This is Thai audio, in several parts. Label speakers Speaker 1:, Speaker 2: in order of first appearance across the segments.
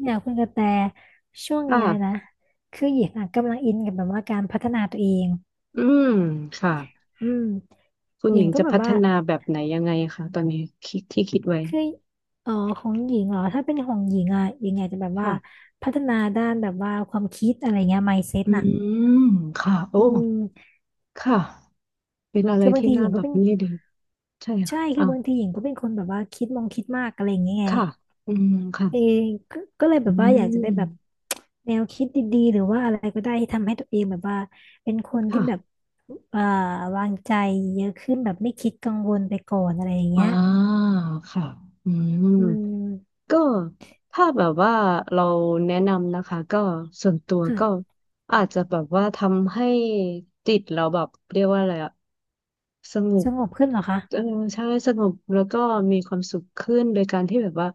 Speaker 1: เนี่ยคุณกระแตช่วงเนี้ยนะ
Speaker 2: ค่ะ
Speaker 1: คือหญิงอ่ะกำลังอินกับแบบว่าการพัฒนาตัวเอง
Speaker 2: อืมค่ะ
Speaker 1: อืม
Speaker 2: คุณ
Speaker 1: ห
Speaker 2: ห
Speaker 1: ญิ
Speaker 2: ญิ
Speaker 1: ง
Speaker 2: ง
Speaker 1: ก็
Speaker 2: จะ
Speaker 1: แบบ
Speaker 2: พัฒ
Speaker 1: ว่า
Speaker 2: นาแบบไหนยังไงคะตอนนี้คิดที่คิดไว้
Speaker 1: คืออ๋อของหญิงเหรอถ้าเป็นของหญิงอ่ะหญิงอาจจะแบบว่า
Speaker 2: ค่ะ
Speaker 1: พัฒนาด้านแบบว่าความคิดอะไรเงี้ย mindset
Speaker 2: อื
Speaker 1: น่ะ
Speaker 2: มค่ะโอ้
Speaker 1: อืม
Speaker 2: ค่ะ เป็นอะไร
Speaker 1: คือบาง
Speaker 2: ที่
Speaker 1: ทีห
Speaker 2: น่า
Speaker 1: ญิง
Speaker 2: แบ
Speaker 1: ก็
Speaker 2: บ
Speaker 1: เป็น
Speaker 2: นี้ดีใช่
Speaker 1: ใช่
Speaker 2: ค่ะ
Speaker 1: คือ
Speaker 2: อ้าว
Speaker 1: บางทีหญิงก็เป็นคนแบบว่าคิดมองคิดมากอะไรอย่างเงี้ยไง
Speaker 2: ค่ะ อืม
Speaker 1: เอ
Speaker 2: ค่ะ
Speaker 1: งก็เลย
Speaker 2: อื
Speaker 1: แบบว่าอยากจะได้
Speaker 2: ม
Speaker 1: แบบ แนวคิดดีๆหรือว่าอะไรก็ได้ที่ทำให้ตัวเองแบบว่าเป็นคนที่
Speaker 2: ค่ะ
Speaker 1: แบบอ่าวางใจเยอะขึ้นแบบไม่คิดกังวลไปก่อนอะไรอย่าง
Speaker 2: อ่
Speaker 1: เงี้ย
Speaker 2: าค่ะ อืม
Speaker 1: อืม
Speaker 2: ก็ถ้าแบบว่าเราแนะนำนะคะก็ส่วนตัวก็
Speaker 1: ค่ะ
Speaker 2: อาจจะแบบว่าทำให้จิตเราแบบเรียกว่าอะไรอะสง
Speaker 1: ส
Speaker 2: บ
Speaker 1: งบขึ้นเหรอคะ
Speaker 2: เออใช่สงบแล้วก็มีความสุขขึ้นโดยการที่แบบว่า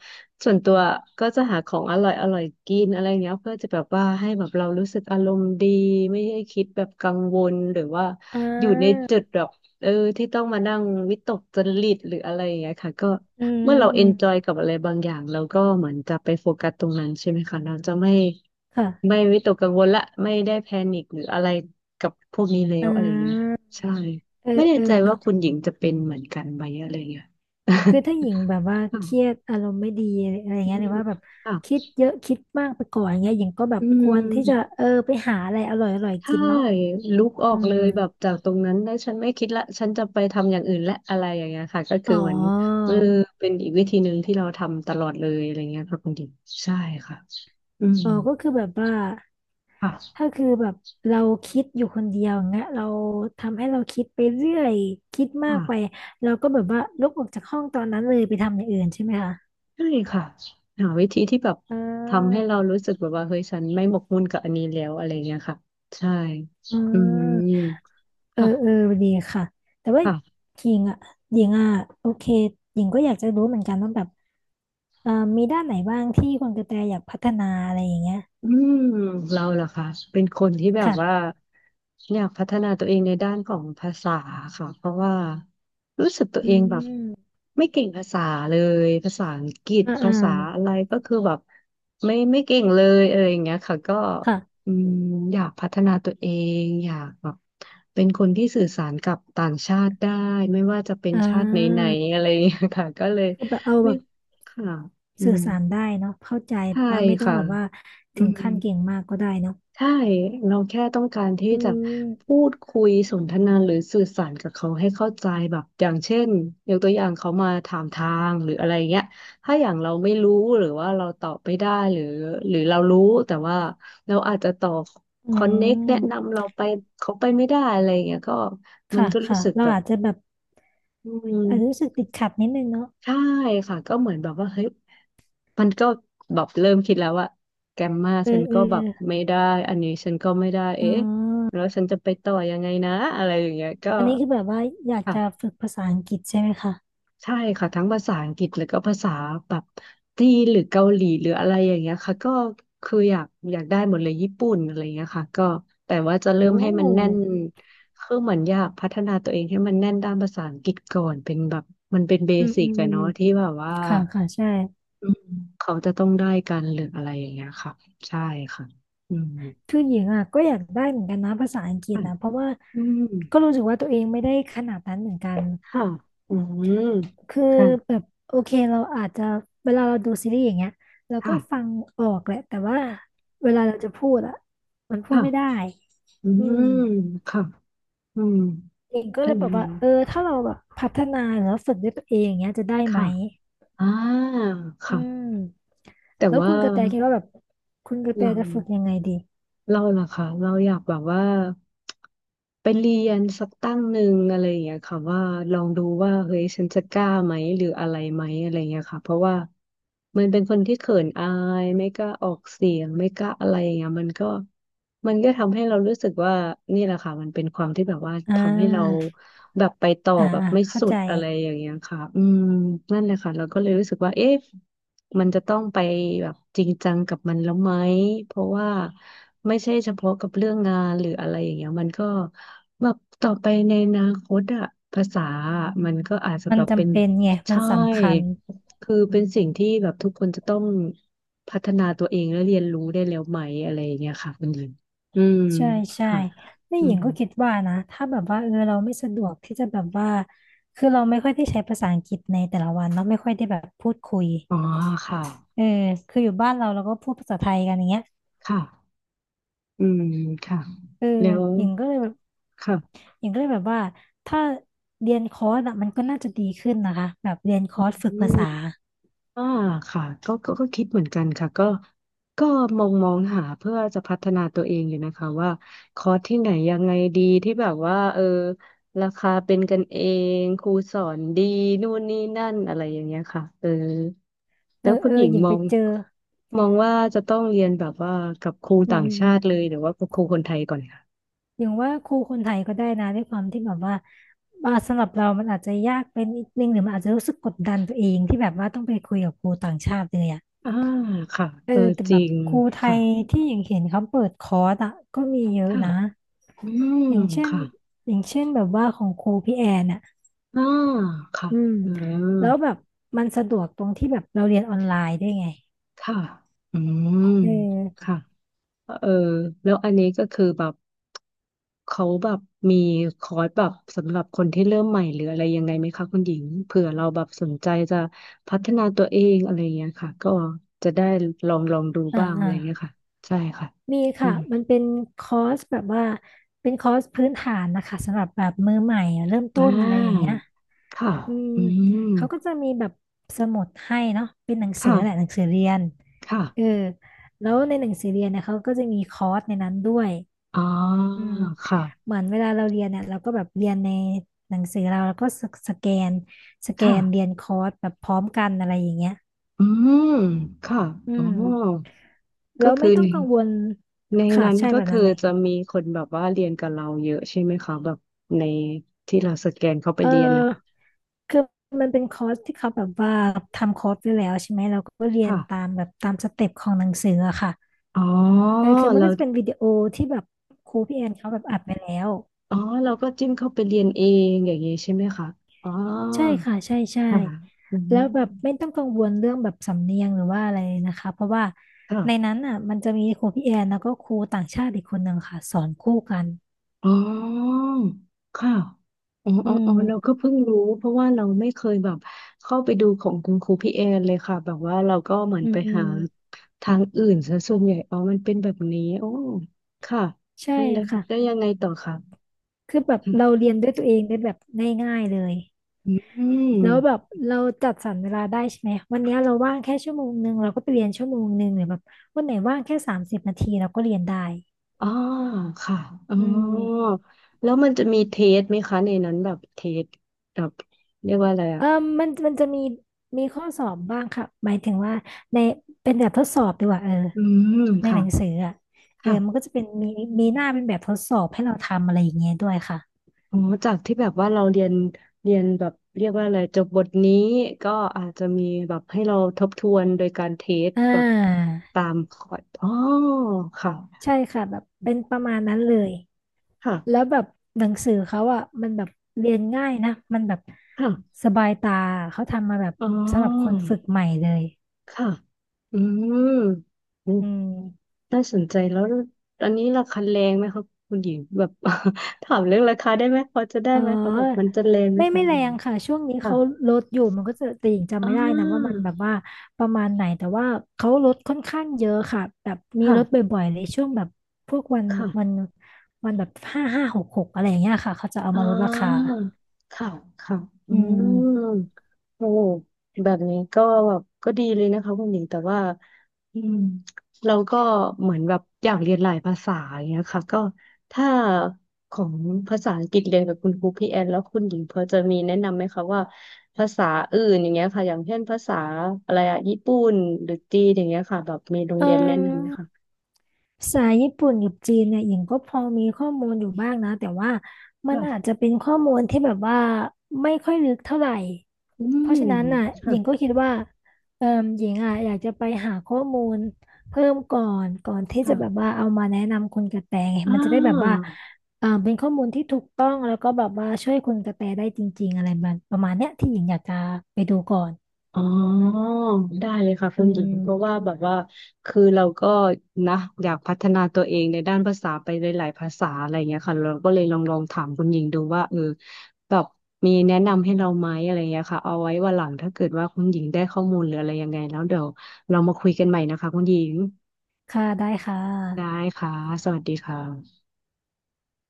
Speaker 2: ส่วนตัวก็จะหาของอร่อยอร่อยกินอะไรเงี้ยเพื่อจะแบบว่าให้แบบเรารู้สึกอารมณ์ดีไม่ให้คิดแบบกังวลหรือว่า
Speaker 1: อ่
Speaker 2: อยู่ใน
Speaker 1: า
Speaker 2: จุดแบบ เออที่ต้องมานั่งวิตกจริตหรืออะไรอย่างเงี้ยค่ะก็
Speaker 1: อื
Speaker 2: เมื่อ
Speaker 1: ม
Speaker 2: เรา
Speaker 1: อื
Speaker 2: เอ
Speaker 1: ม
Speaker 2: นจอยกับอะไรบางอย่างเราก็เหมือนจะไปโฟกัสตรงนั้นใช่ไหมคะเราจะไม่
Speaker 1: ค่ะ
Speaker 2: ไม่วิตกกังวลละไม่ได้แพนิคหรืออะไรกับพวกนี้แล้
Speaker 1: อ่
Speaker 2: วอะไรอย่างเงี้ย
Speaker 1: า
Speaker 2: ใช่
Speaker 1: เอ
Speaker 2: ไม่
Speaker 1: อ
Speaker 2: แน่
Speaker 1: เออ
Speaker 2: ใจว่า
Speaker 1: เนาะ
Speaker 2: คุณหญิงจะเป็นเหมือนกันไหมอะไรอย่างเงี้ย
Speaker 1: คือถ้าหญิงแบบว่า
Speaker 2: ค่ะ
Speaker 1: เครียดอารมณ์ไม่ดีอะไร
Speaker 2: อื
Speaker 1: เงี้ยหรือ
Speaker 2: ม
Speaker 1: ว่าแบบ
Speaker 2: ค่ะ
Speaker 1: คิดเยอะคิดมากไปก่อนอย่างเงี้ยหญิงก็แบ
Speaker 2: อื
Speaker 1: บควรที่จะ
Speaker 2: ม
Speaker 1: เออไปหาอะไรอร่อยๆ
Speaker 2: ใช่
Speaker 1: กินเนาะ
Speaker 2: ลุกออ
Speaker 1: อื
Speaker 2: กเล
Speaker 1: ม
Speaker 2: ยแบบจากตรงนั้นแล้วฉันไม่คิดละฉันจะไปทำอย่างอื่นและอะไรอย่างเงี้ยค่ะก็
Speaker 1: อ๋
Speaker 2: คือ
Speaker 1: อ
Speaker 2: เหมือนเออเป็นอีกวิธีหนึ่งที่เราทำตลอดเลยอะไรเงี้ยค่ะคุณดิมใช่ค่ะอืม
Speaker 1: อ๋อก็คือแบบว่า
Speaker 2: ค่ะ
Speaker 1: ถ้าคือแบบเราคิดอยู่คนเดียวอย่างเงี้ยเราทำให้เราคิดไปเรื่อยคิดมากไป
Speaker 2: ค่ะ
Speaker 1: เราก็แบบว่าลุกออกจากห้องตอนนั้นเลยไปทำอย่างอื่นใช่ไหมคะ
Speaker 2: ใช่ค่ะหาวิธีที่แบบ
Speaker 1: อ่
Speaker 2: ทำให้
Speaker 1: า
Speaker 2: เรารู้สึกแบบว่าเฮ้ยฉันไม่หมกมุ่นกับอันนี้แล้วอะไรเงี้ยค่ะใช่
Speaker 1: อื
Speaker 2: อื
Speaker 1: ม
Speaker 2: ม
Speaker 1: เออ
Speaker 2: ค่ะ
Speaker 1: เออดีค่ะแต่ว่า
Speaker 2: ค่ะ
Speaker 1: หญิงอ่ะหญิงอ่ะโอเคหญิงก็อยากจะรู้เหมือนกันว่าแบบเอ่อมีด้านไหนบ้างที่คุณกระแตอยากพัฒนาอะไรอย่างเงี้ย
Speaker 2: อืมเราล่ะคะเป็นคนที่แบบว่า
Speaker 1: ค่ะ
Speaker 2: อยากพัฒนาตัวเองในด้านของภาษาค่ะเพราะว่ารู้สึกตัว
Speaker 1: อื
Speaker 2: เองแบบ
Speaker 1: ม
Speaker 2: ไม่เก่งภาษาเลยภาษาอังกฤษ
Speaker 1: อ่า
Speaker 2: ภา
Speaker 1: อ่า
Speaker 2: ษาอะไรก็คือแบบไม่เก่งเลยเอออย่างเงี้ยค่ะก็
Speaker 1: ค่ะ
Speaker 2: อืมอยากพัฒนาตัวเองอยากแบบเป็นคนที่สื่อสารกับต่างชาติได้ไม่ว่าจะเป็น
Speaker 1: อ่
Speaker 2: ชาติไหน
Speaker 1: า
Speaker 2: ๆอะไรอย่างเงี้ยค่ะก็เลย
Speaker 1: คือแบบเอาแบ
Speaker 2: ไม่
Speaker 1: บ
Speaker 2: ค่ะอื
Speaker 1: สื่อ
Speaker 2: ม
Speaker 1: สารได้เนาะเข้าใจ
Speaker 2: ใช่
Speaker 1: ว่าไม่ต้อง
Speaker 2: ค่ะ
Speaker 1: แบบว่า
Speaker 2: อื
Speaker 1: ถึง
Speaker 2: ม
Speaker 1: ขั้นเก่งมากก็ได้เนาะ
Speaker 2: ใช่เราแค่ต้องการที่
Speaker 1: อื
Speaker 2: จะ
Speaker 1: ม
Speaker 2: พูดคุยสนทนาหรือสื่อสารกับเขาให้เข้าใจแบบอย่างเช่นยกตัวอย่างเขามาถามทางหรืออะไรเงี้ยถ้าอย่างเราไม่รู้หรือว่าเราตอบไม่ได้หรือเรารู้แต่ว่าเราอาจจะต่อ
Speaker 1: อื
Speaker 2: คอนเน็กแนะ
Speaker 1: ม
Speaker 2: นำเราไปเขาไปไม่ได้อะไรเงี้ยก็มัน
Speaker 1: ค่ะ
Speaker 2: ก็รู้
Speaker 1: ค่ะ
Speaker 2: สึก
Speaker 1: เรา
Speaker 2: แบบ
Speaker 1: อาจจะแบบ
Speaker 2: อืม
Speaker 1: อาจจะรู้สึกติดขัดนิดนึงเนาะ
Speaker 2: ใช่ค่ะก็เหมือนแบบว่าเฮ้ย มันก็แบบเริ่มคิดแล้วว่าแกมมา
Speaker 1: เอ
Speaker 2: ฉั
Speaker 1: อ
Speaker 2: น
Speaker 1: เออ
Speaker 2: ก็แบบไม่ได้อันนี้ฉันก็ไม่ได้
Speaker 1: อ๋
Speaker 2: เอ๊ะ
Speaker 1: อ
Speaker 2: แล้วฉันจะไปต่อยังไงนะอะไรอย่างเงี้ยก็
Speaker 1: อันนี้คือแบบว่าอยากจะ
Speaker 2: ค่ะ
Speaker 1: ฝึกภาษาอังกฤษใช่ไหมคะ
Speaker 2: ใช่ค่ะทั้งภาษาอังกฤษแล้วก็ภาษาแบบจีนหรือเกาหลีหรืออะไรอย่างเงี้ยค่ะก็คืออยากได้หมดเลยญี่ปุ่นอะไรอย่างเงี้ยค่ะก็แต่ว่าจะเริ่ม
Speaker 1: โอ้
Speaker 2: ให้มันแน่นคือเหมือนอยากพัฒนาตัวเองให้มันแน่นด้านภาษาอังกฤษก่อนเป็นแบบมันเป็นเบ
Speaker 1: อืม
Speaker 2: สิ
Speaker 1: อื
Speaker 2: ก
Speaker 1: มอื
Speaker 2: อะ
Speaker 1: ม
Speaker 2: เนาะที่แบบว่า
Speaker 1: ค่ะค่ะใช่
Speaker 2: อืมเขาจะต้องได้กันหรืออะไรอย่างเงี้ยค่ะใช่ค่ะอืม
Speaker 1: คือหญิงอ่ะก็อยากได้เหมือนกันนะภาษาอังกฤษ
Speaker 2: ค่ะ
Speaker 1: นะเพราะว่า
Speaker 2: อืม
Speaker 1: ก็รู้สึกว่าตัวเองไม่ได้ขนาดนั้นเหมือนกัน
Speaker 2: ค่ะอืม
Speaker 1: คือ
Speaker 2: ค่ะ
Speaker 1: แบบโอเคเราอาจจะเวลาเราดูซีรีส์อย่างเงี้ยเราก็
Speaker 2: ค่ะ
Speaker 1: ฟังออกแหละแต่ว่าเวลาเราจะพูดอะมันพูด
Speaker 2: ค่ะ
Speaker 1: ไม่ได้
Speaker 2: อื
Speaker 1: อืม
Speaker 2: มค่ะอืม
Speaker 1: เองก็
Speaker 2: อั
Speaker 1: เล
Speaker 2: น
Speaker 1: ยแบ
Speaker 2: นี้
Speaker 1: บว่าเออถ้าเราแบบพัฒนาหรือว่าฝึกด้วยตัวเองอย่างเงี้ยจะได้ไหม
Speaker 2: ค่ะอ่า
Speaker 1: อื
Speaker 2: ค่ะ
Speaker 1: ม
Speaker 2: แต่
Speaker 1: แล้ว
Speaker 2: ว่า
Speaker 1: คุณกระแตคิดว่าแบบคุณกระแต
Speaker 2: เรา
Speaker 1: จะฝึกยังไงดี
Speaker 2: เราเหรอคะเราอยากแบบว่าไปเรียนสักตั้งหนึ่งอะไรอย่างเงี้ยค่ะว่าลองดูว่าเฮ้ยฉันจะกล้าไหมหรืออะไรไหมอะไรอย่างเงี้ยค่ะเพราะว่ามันเป็นคนที่เขินอายไม่กล้าออกเสียงไม่กล้าอะไรอย่างเงี้ยมันก็ทำให้เรารู้สึกว่านี่แหละค่ะมันเป็นความที่แบบว่า
Speaker 1: อ่
Speaker 2: ทำให้เรา
Speaker 1: า
Speaker 2: แบบไปต่อ
Speaker 1: อ่า
Speaker 2: แบบ
Speaker 1: อ่า
Speaker 2: ไม่
Speaker 1: เข้า
Speaker 2: สุ
Speaker 1: ใจ
Speaker 2: ดอะไรอย่างเงี้ยค่ะอืมนั่นแหละค่ะเราก็เลยรู้สึกว่าเอ๊ะ มันจะต้องไปแบบจริงจังกับมันแล้วไหมเพราะว่าไม่ใช่เฉพาะกับเรื่องงานหรืออะไรอย่างเงี้ยมันก็แบบต่อไปในอนาคตอะภาษาอะมันก็อาจจะ
Speaker 1: มั
Speaker 2: แบ
Speaker 1: น
Speaker 2: บเป็
Speaker 1: จำ
Speaker 2: น
Speaker 1: เป็นไงมัน
Speaker 2: ใช่
Speaker 1: สำคัญ
Speaker 2: คือเป็นสิ่งที่แบบทุกคนจะต้องพัฒนาตัวเองและเรียนรู้ได้แล้วไหมอะไรอย่างเงี้ยค่ะคุณหญิงอืม
Speaker 1: ใช่ใช่
Speaker 2: ค่ะ
Speaker 1: นี่
Speaker 2: อื
Speaker 1: หญิง
Speaker 2: ม
Speaker 1: ก็คิดว่านะถ้าแบบว่าเออเราไม่สะดวกที่จะแบบว่าคือเราไม่ค่อยได้ใช้ภาษาอังกฤษในแต่ละวันเราะไม่ค่อยได้แบบพูดคุย
Speaker 2: อ๋อค่ะ
Speaker 1: เออคืออยู่บ้านเราเราก็พูดภาษาไทยกันอย่างเงี้ย
Speaker 2: ค่ะอืมค่ะ
Speaker 1: เออ
Speaker 2: แล้ว
Speaker 1: หญิงก็เลยแบบ
Speaker 2: ค่ะ
Speaker 1: หญิงก็เลยแบบว่าถ้าเรียนคอร์สอะมันก็น่าจะดีขึ้นนะคะแบบเรียนคอร์สฝึก
Speaker 2: อื
Speaker 1: ภาษา
Speaker 2: ม อ่าค่ะก็คิดเหมือนกันค่ะก็ก็มองหาเพื่อจะพัฒนาตัวเองอยู่นะคะว่าคอร์สที่ไหนยังไงดีที่แบบว่าเออราคาเป็นกันเองครูสอนดีนู่นนี่นั่นอะไรอย่างเงี้ยค่ะเออ
Speaker 1: เอ
Speaker 2: แล้ว
Speaker 1: อ
Speaker 2: คุณ
Speaker 1: เอ
Speaker 2: ห
Speaker 1: อ
Speaker 2: ญิง
Speaker 1: หญิง
Speaker 2: ม
Speaker 1: ไป
Speaker 2: อง
Speaker 1: เจอ
Speaker 2: มองว่าจะต้องเรียนแบบว่ากับครู
Speaker 1: อื
Speaker 2: ต่างชาติเลย
Speaker 1: ม
Speaker 2: หรือว่ากับครูคนไทยก่อนค่ะ
Speaker 1: อย่างว่าครูคนไทยก็ได้นะด้วยความที่แบบว่าอ่าสำหรับเรามันอาจจะยากเป็นนิดนึงหรือมันอาจจะรู้สึกกดดันตัวเองที่แบบว่าต้องไปคุยกับครูต่างชาติเลยอ่ะ
Speaker 2: อ่าค่ะ
Speaker 1: เออ
Speaker 2: เออ
Speaker 1: แต่
Speaker 2: จ
Speaker 1: แบ
Speaker 2: ริ
Speaker 1: บ
Speaker 2: ง
Speaker 1: ครูไท
Speaker 2: ค่ะ
Speaker 1: ยที่อย่างเห็นเขาเปิดคอร์สอ่ะก็มีเยอะ
Speaker 2: ค่ะ
Speaker 1: นะ
Speaker 2: อื
Speaker 1: อย่าง
Speaker 2: ม
Speaker 1: เช่น
Speaker 2: ค่ะ
Speaker 1: อย่างเช่นแบบว่าของครูพี่แอนอ่ะ
Speaker 2: อ่าค่ะ
Speaker 1: อืม
Speaker 2: อืม
Speaker 1: แล้วแบบมันสะดวกตรงที่แบบเราเรียนออนไลน์ด้วยไง
Speaker 2: ค่ะอืม
Speaker 1: เออ
Speaker 2: ค่ะเออแล้วอันนี้ก็คือแบบเขาแบบมีคอร์สแบบสำหรับคนที่เริ่มใหม่หรืออะไรยังไงไหมคะคุณหญิงเผื่อเราแบบสนใจจะพัฒนาตัวเองอะไรอย่างเงี้ยค่ะก็จะได้ลองดู
Speaker 1: อ่า
Speaker 2: บ้างอะ
Speaker 1: อ่า
Speaker 2: ไรอย่างเงี้ยค่ะใช่ค่ะ
Speaker 1: มี
Speaker 2: อื
Speaker 1: ค่ะ
Speaker 2: ม
Speaker 1: มันเป็นคอร์สแบบว่าเป็นคอร์สพื้นฐานนะคะสำหรับแบบมือใหม่อะเริ่ม
Speaker 2: อ่
Speaker 1: ต้นอะไรอย่างเงี้
Speaker 2: า
Speaker 1: ย
Speaker 2: ค่ะ
Speaker 1: อืม
Speaker 2: อื
Speaker 1: เขาก็
Speaker 2: ม
Speaker 1: จะมีแบบสมุดให้เนาะเป็นหนังสือแหละหนั
Speaker 2: ค่ะ
Speaker 1: งสือเรียน
Speaker 2: ค่ะ
Speaker 1: เออแล้วในหนังสือเรียนเนี่ยเขาก็จะมีคอร์สในนั้นด้วย
Speaker 2: อ๋อ
Speaker 1: อืม
Speaker 2: ค่ะ
Speaker 1: เหมือนเวลาเราเรียนเนี่ยเราก็แบบเรียนในหนังสือเราแล้วก็สสแกนสแก
Speaker 2: ค่ะ
Speaker 1: นเรียนคอร์สแบบพร้อมกันอะไรอย่างเงี้ย
Speaker 2: อืมค่ะ
Speaker 1: อื
Speaker 2: อ๋อ
Speaker 1: มแล้
Speaker 2: ก็
Speaker 1: วไม่
Speaker 2: คือ
Speaker 1: ต้อ
Speaker 2: ใน
Speaker 1: งกังวล
Speaker 2: ใน
Speaker 1: ค่ะ
Speaker 2: นั้น
Speaker 1: ใช่
Speaker 2: ก็
Speaker 1: แบบ
Speaker 2: คื
Speaker 1: นั้
Speaker 2: อ
Speaker 1: นเลย
Speaker 2: จะมีคนแบบว่าเรียนกับเราเยอะใช่ไหมคะแบบในที่เราสแกนเข้าไป
Speaker 1: เ
Speaker 2: เรียนนะ
Speaker 1: ออ
Speaker 2: คะ
Speaker 1: คือมันเป็นคอร์สที่เขาแบบว่าทำคอร์สไว้แล้วใช่ไหมเราก็เรียน
Speaker 2: ค่ะ
Speaker 1: ตามแบบตามสเต็ปของหนังสืออะค่ะ
Speaker 2: อ๋อ
Speaker 1: เออคือมัน
Speaker 2: เรา
Speaker 1: ก็จะเป็นวิดีโอที่แบบครูพี่แอนเขาแบบอัดไปแล้ว
Speaker 2: อ๋อเราก็จิ้มเข้าไปเรียนเองอย่างนี้ใช่ไหมคะอ๋อ
Speaker 1: ใช่ค่ะใช่ใช่
Speaker 2: ค่ะอืม
Speaker 1: แล้วแบบไม่ต้องกังวลเรื่องแบบสำเนียงหรือว่าอะไรเลยนะคะเพราะว่า
Speaker 2: ค่ะ
Speaker 1: ในนั้นอ่ะมันจะมีครูพี่แอนแล้วก็ครูต่างชาติอีกคนหนึ่งค่ะสอนคู่กัน
Speaker 2: อ๋อค่ะอ๋อ
Speaker 1: อื
Speaker 2: อ๋ออ๋อเราก็
Speaker 1: ม
Speaker 2: เพิ่งรู้เพราะว่าเราไม่เคยแบบเข้าไปดูของคุณครูพี่แอนเลยค่ะ แบบว่าเราก็เหมือน
Speaker 1: อื
Speaker 2: ไป
Speaker 1: มอื
Speaker 2: หา
Speaker 1: ม
Speaker 2: ทางอื่นซะส่วนใหญ่อ๋อมันเป็นแบบนี้โอ้ค่ะ
Speaker 1: ใช่
Speaker 2: แล้ว
Speaker 1: ค่ะ
Speaker 2: แล้วยังไงต่อคะ
Speaker 1: คือแบบ
Speaker 2: อืม
Speaker 1: เราเรียนด้วยตัวเองได้แบบง่ายๆเลย
Speaker 2: อ
Speaker 1: แล้วแบบ
Speaker 2: ม
Speaker 1: เราจัดสรรเวลาได้ใช่ไหมวันเนี้ยเราว่างแค่ชั่วโมงหนึ่งเราก็ไปเรียนชั่วโมงหนึ่งหรือแบบวันไหนว่างแค่สามสิบนาทีเราก็เรียนได้
Speaker 2: อ๋อค่ะอ๋อ
Speaker 1: อืม
Speaker 2: แล้วมันจะมีเทสไหมคะในนั้นแบบเทสแบบเรียกว่าอะไร
Speaker 1: เอ
Speaker 2: อ่ะ
Speaker 1: อมันจะมีมีข้อสอบบ้างค่ะหมายถึงว่าในเป็นแบบทดสอบดีกว่าเออ
Speaker 2: อืม
Speaker 1: ใน
Speaker 2: ค่
Speaker 1: หนังสืออ่ะเออ
Speaker 2: ะ
Speaker 1: มันก็จะเป็นมีมีหน้าเป็นแบบทดสอบให้เราทำอะไรอย่างเงี้ยด้วยค่ะ
Speaker 2: อ๋อจากที่แบบว่าเราเรียนแบบเรียกว่าอะไรจบบทนี้ก็อาจจะมีแบบให้เราทบทวนโดยการเทส
Speaker 1: อ่
Speaker 2: แบบ
Speaker 1: า
Speaker 2: ตามคอร์สอ๋อค่ะ
Speaker 1: ใช่ค่ะแบบเป็นประมาณนั้นเลย
Speaker 2: ค่ะ
Speaker 1: แล้วแบบหนังสือเขาอ่ะมันแบบเรียนง่ายนะมันแบบ
Speaker 2: ค่ะ
Speaker 1: สบายตาเขาทำมาแบบ
Speaker 2: อ๋อ
Speaker 1: สำหรับคนฝึกใหม่เลย
Speaker 2: ค่ะอืมอืม
Speaker 1: อืม
Speaker 2: น่าสนใจแล้วตอนนี้ราคาแรงไหมครับคุณหญิงแบบ ถามเรื่องราคาได้ไหมพอจะได้
Speaker 1: อ๋อ
Speaker 2: ไหมคะแบบมันจะแรงไหม
Speaker 1: ไม่
Speaker 2: คะ
Speaker 1: ไม่
Speaker 2: อะไร
Speaker 1: แร
Speaker 2: อย่าง
Speaker 1: ง
Speaker 2: เงี้ย
Speaker 1: ค่ะช่วงนี้
Speaker 2: ค่ะ
Speaker 1: เขาลดอยู่มันก็จะแต่หญิงจำ
Speaker 2: อ่
Speaker 1: ไม่ได้นะว่า
Speaker 2: า
Speaker 1: มันแบบว่าประมาณไหนแต่ว่าเขาลดค่อนข้างเยอะค่ะแบบมี
Speaker 2: ค่ะ
Speaker 1: ลดบ่อยๆเลยช่วงแบบพวกวันวัน
Speaker 2: ค่ะ
Speaker 1: แบบห้าห้าหกหกอะไรอย่างเงี้ยค่ะเขาจะเอา
Speaker 2: อ่
Speaker 1: มาลดราคา
Speaker 2: าค่ะค่ะอื
Speaker 1: อืม
Speaker 2: มโอ้แบบนี้ก็แบบก็ดีเลยนะคะคุณหญิงแต่ว่าอืมเราก็เหมือนแบบอยากเรียนหลายภาษาอย่างเงี้ยค่ะก็ถ้าของภาษาอังกฤษเรียนกับคุณครูพี่แอนแล้วคุณหญิงพอจะมีแนะนำไหมคะว่าภาษาอื่นอย่างเงี้ยค่ะอย่างเช่นภาษาอะไรอะญี่ปุ่นหรือจีนอย่างเงี้ยค่ะแบบมีโรง
Speaker 1: เอ
Speaker 2: เรียนแนะนำไหมคะ
Speaker 1: อ ภาษาญี่ปุ่นกับจีนเนี่ยหญิงก็พอมีข้อมูลอยู่บ้างนะแต่ว่ามัน
Speaker 2: ค่ะ
Speaker 1: อาจจะเป็นข้อมูลที่แบบว่าไม่ค่อยลึกเท่าไหร่
Speaker 2: อื
Speaker 1: เพ
Speaker 2: ม
Speaker 1: ราะฉะนั้นน่ะห
Speaker 2: ค่ะ
Speaker 1: ญิงก็คิดว่าเออหญิงอ่ะอยากจะไปหาข้อมูลเพิ่มก่อนที่จะแบบ
Speaker 2: ค่ะ
Speaker 1: ว่าเอามาแนะนำคุณกระแตไง
Speaker 2: อ่
Speaker 1: มันจะได้แบบว่า
Speaker 2: า
Speaker 1: เออเป็นข้อมูลที่ถูกต้องแล้วก็แบบว่าช่วยคุณกระแตได้จริงๆอะไรแบบประมาณเนี้ยที่หญิงอยากจะไปดูก่อน
Speaker 2: อ๋อได้เลยค่ะคุ
Speaker 1: อื
Speaker 2: ณหญิงเพราะว่า
Speaker 1: ม
Speaker 2: แบบว่าคือเราก็นะอยากพัฒนาตัวเองในด้านภาษาไปหลายๆภาษาอะไรเงี้ยค่ะเราก็เลยลองถามคุณหญิงดูว่าเออแบบมีแนะนำให้เราไหมอะไรเงี้ยค่ะเอาไว้วันหลังถ้าเกิดว่าคุณหญิงได้ข้อมูลหรืออะไรยังไงแล้วเดี๋ยวเรามาคุยกันใหม่นะคะคุณหญิง
Speaker 1: ค่ะได้ค่ะ
Speaker 2: ได้ค่ะสวัสดีค่ะ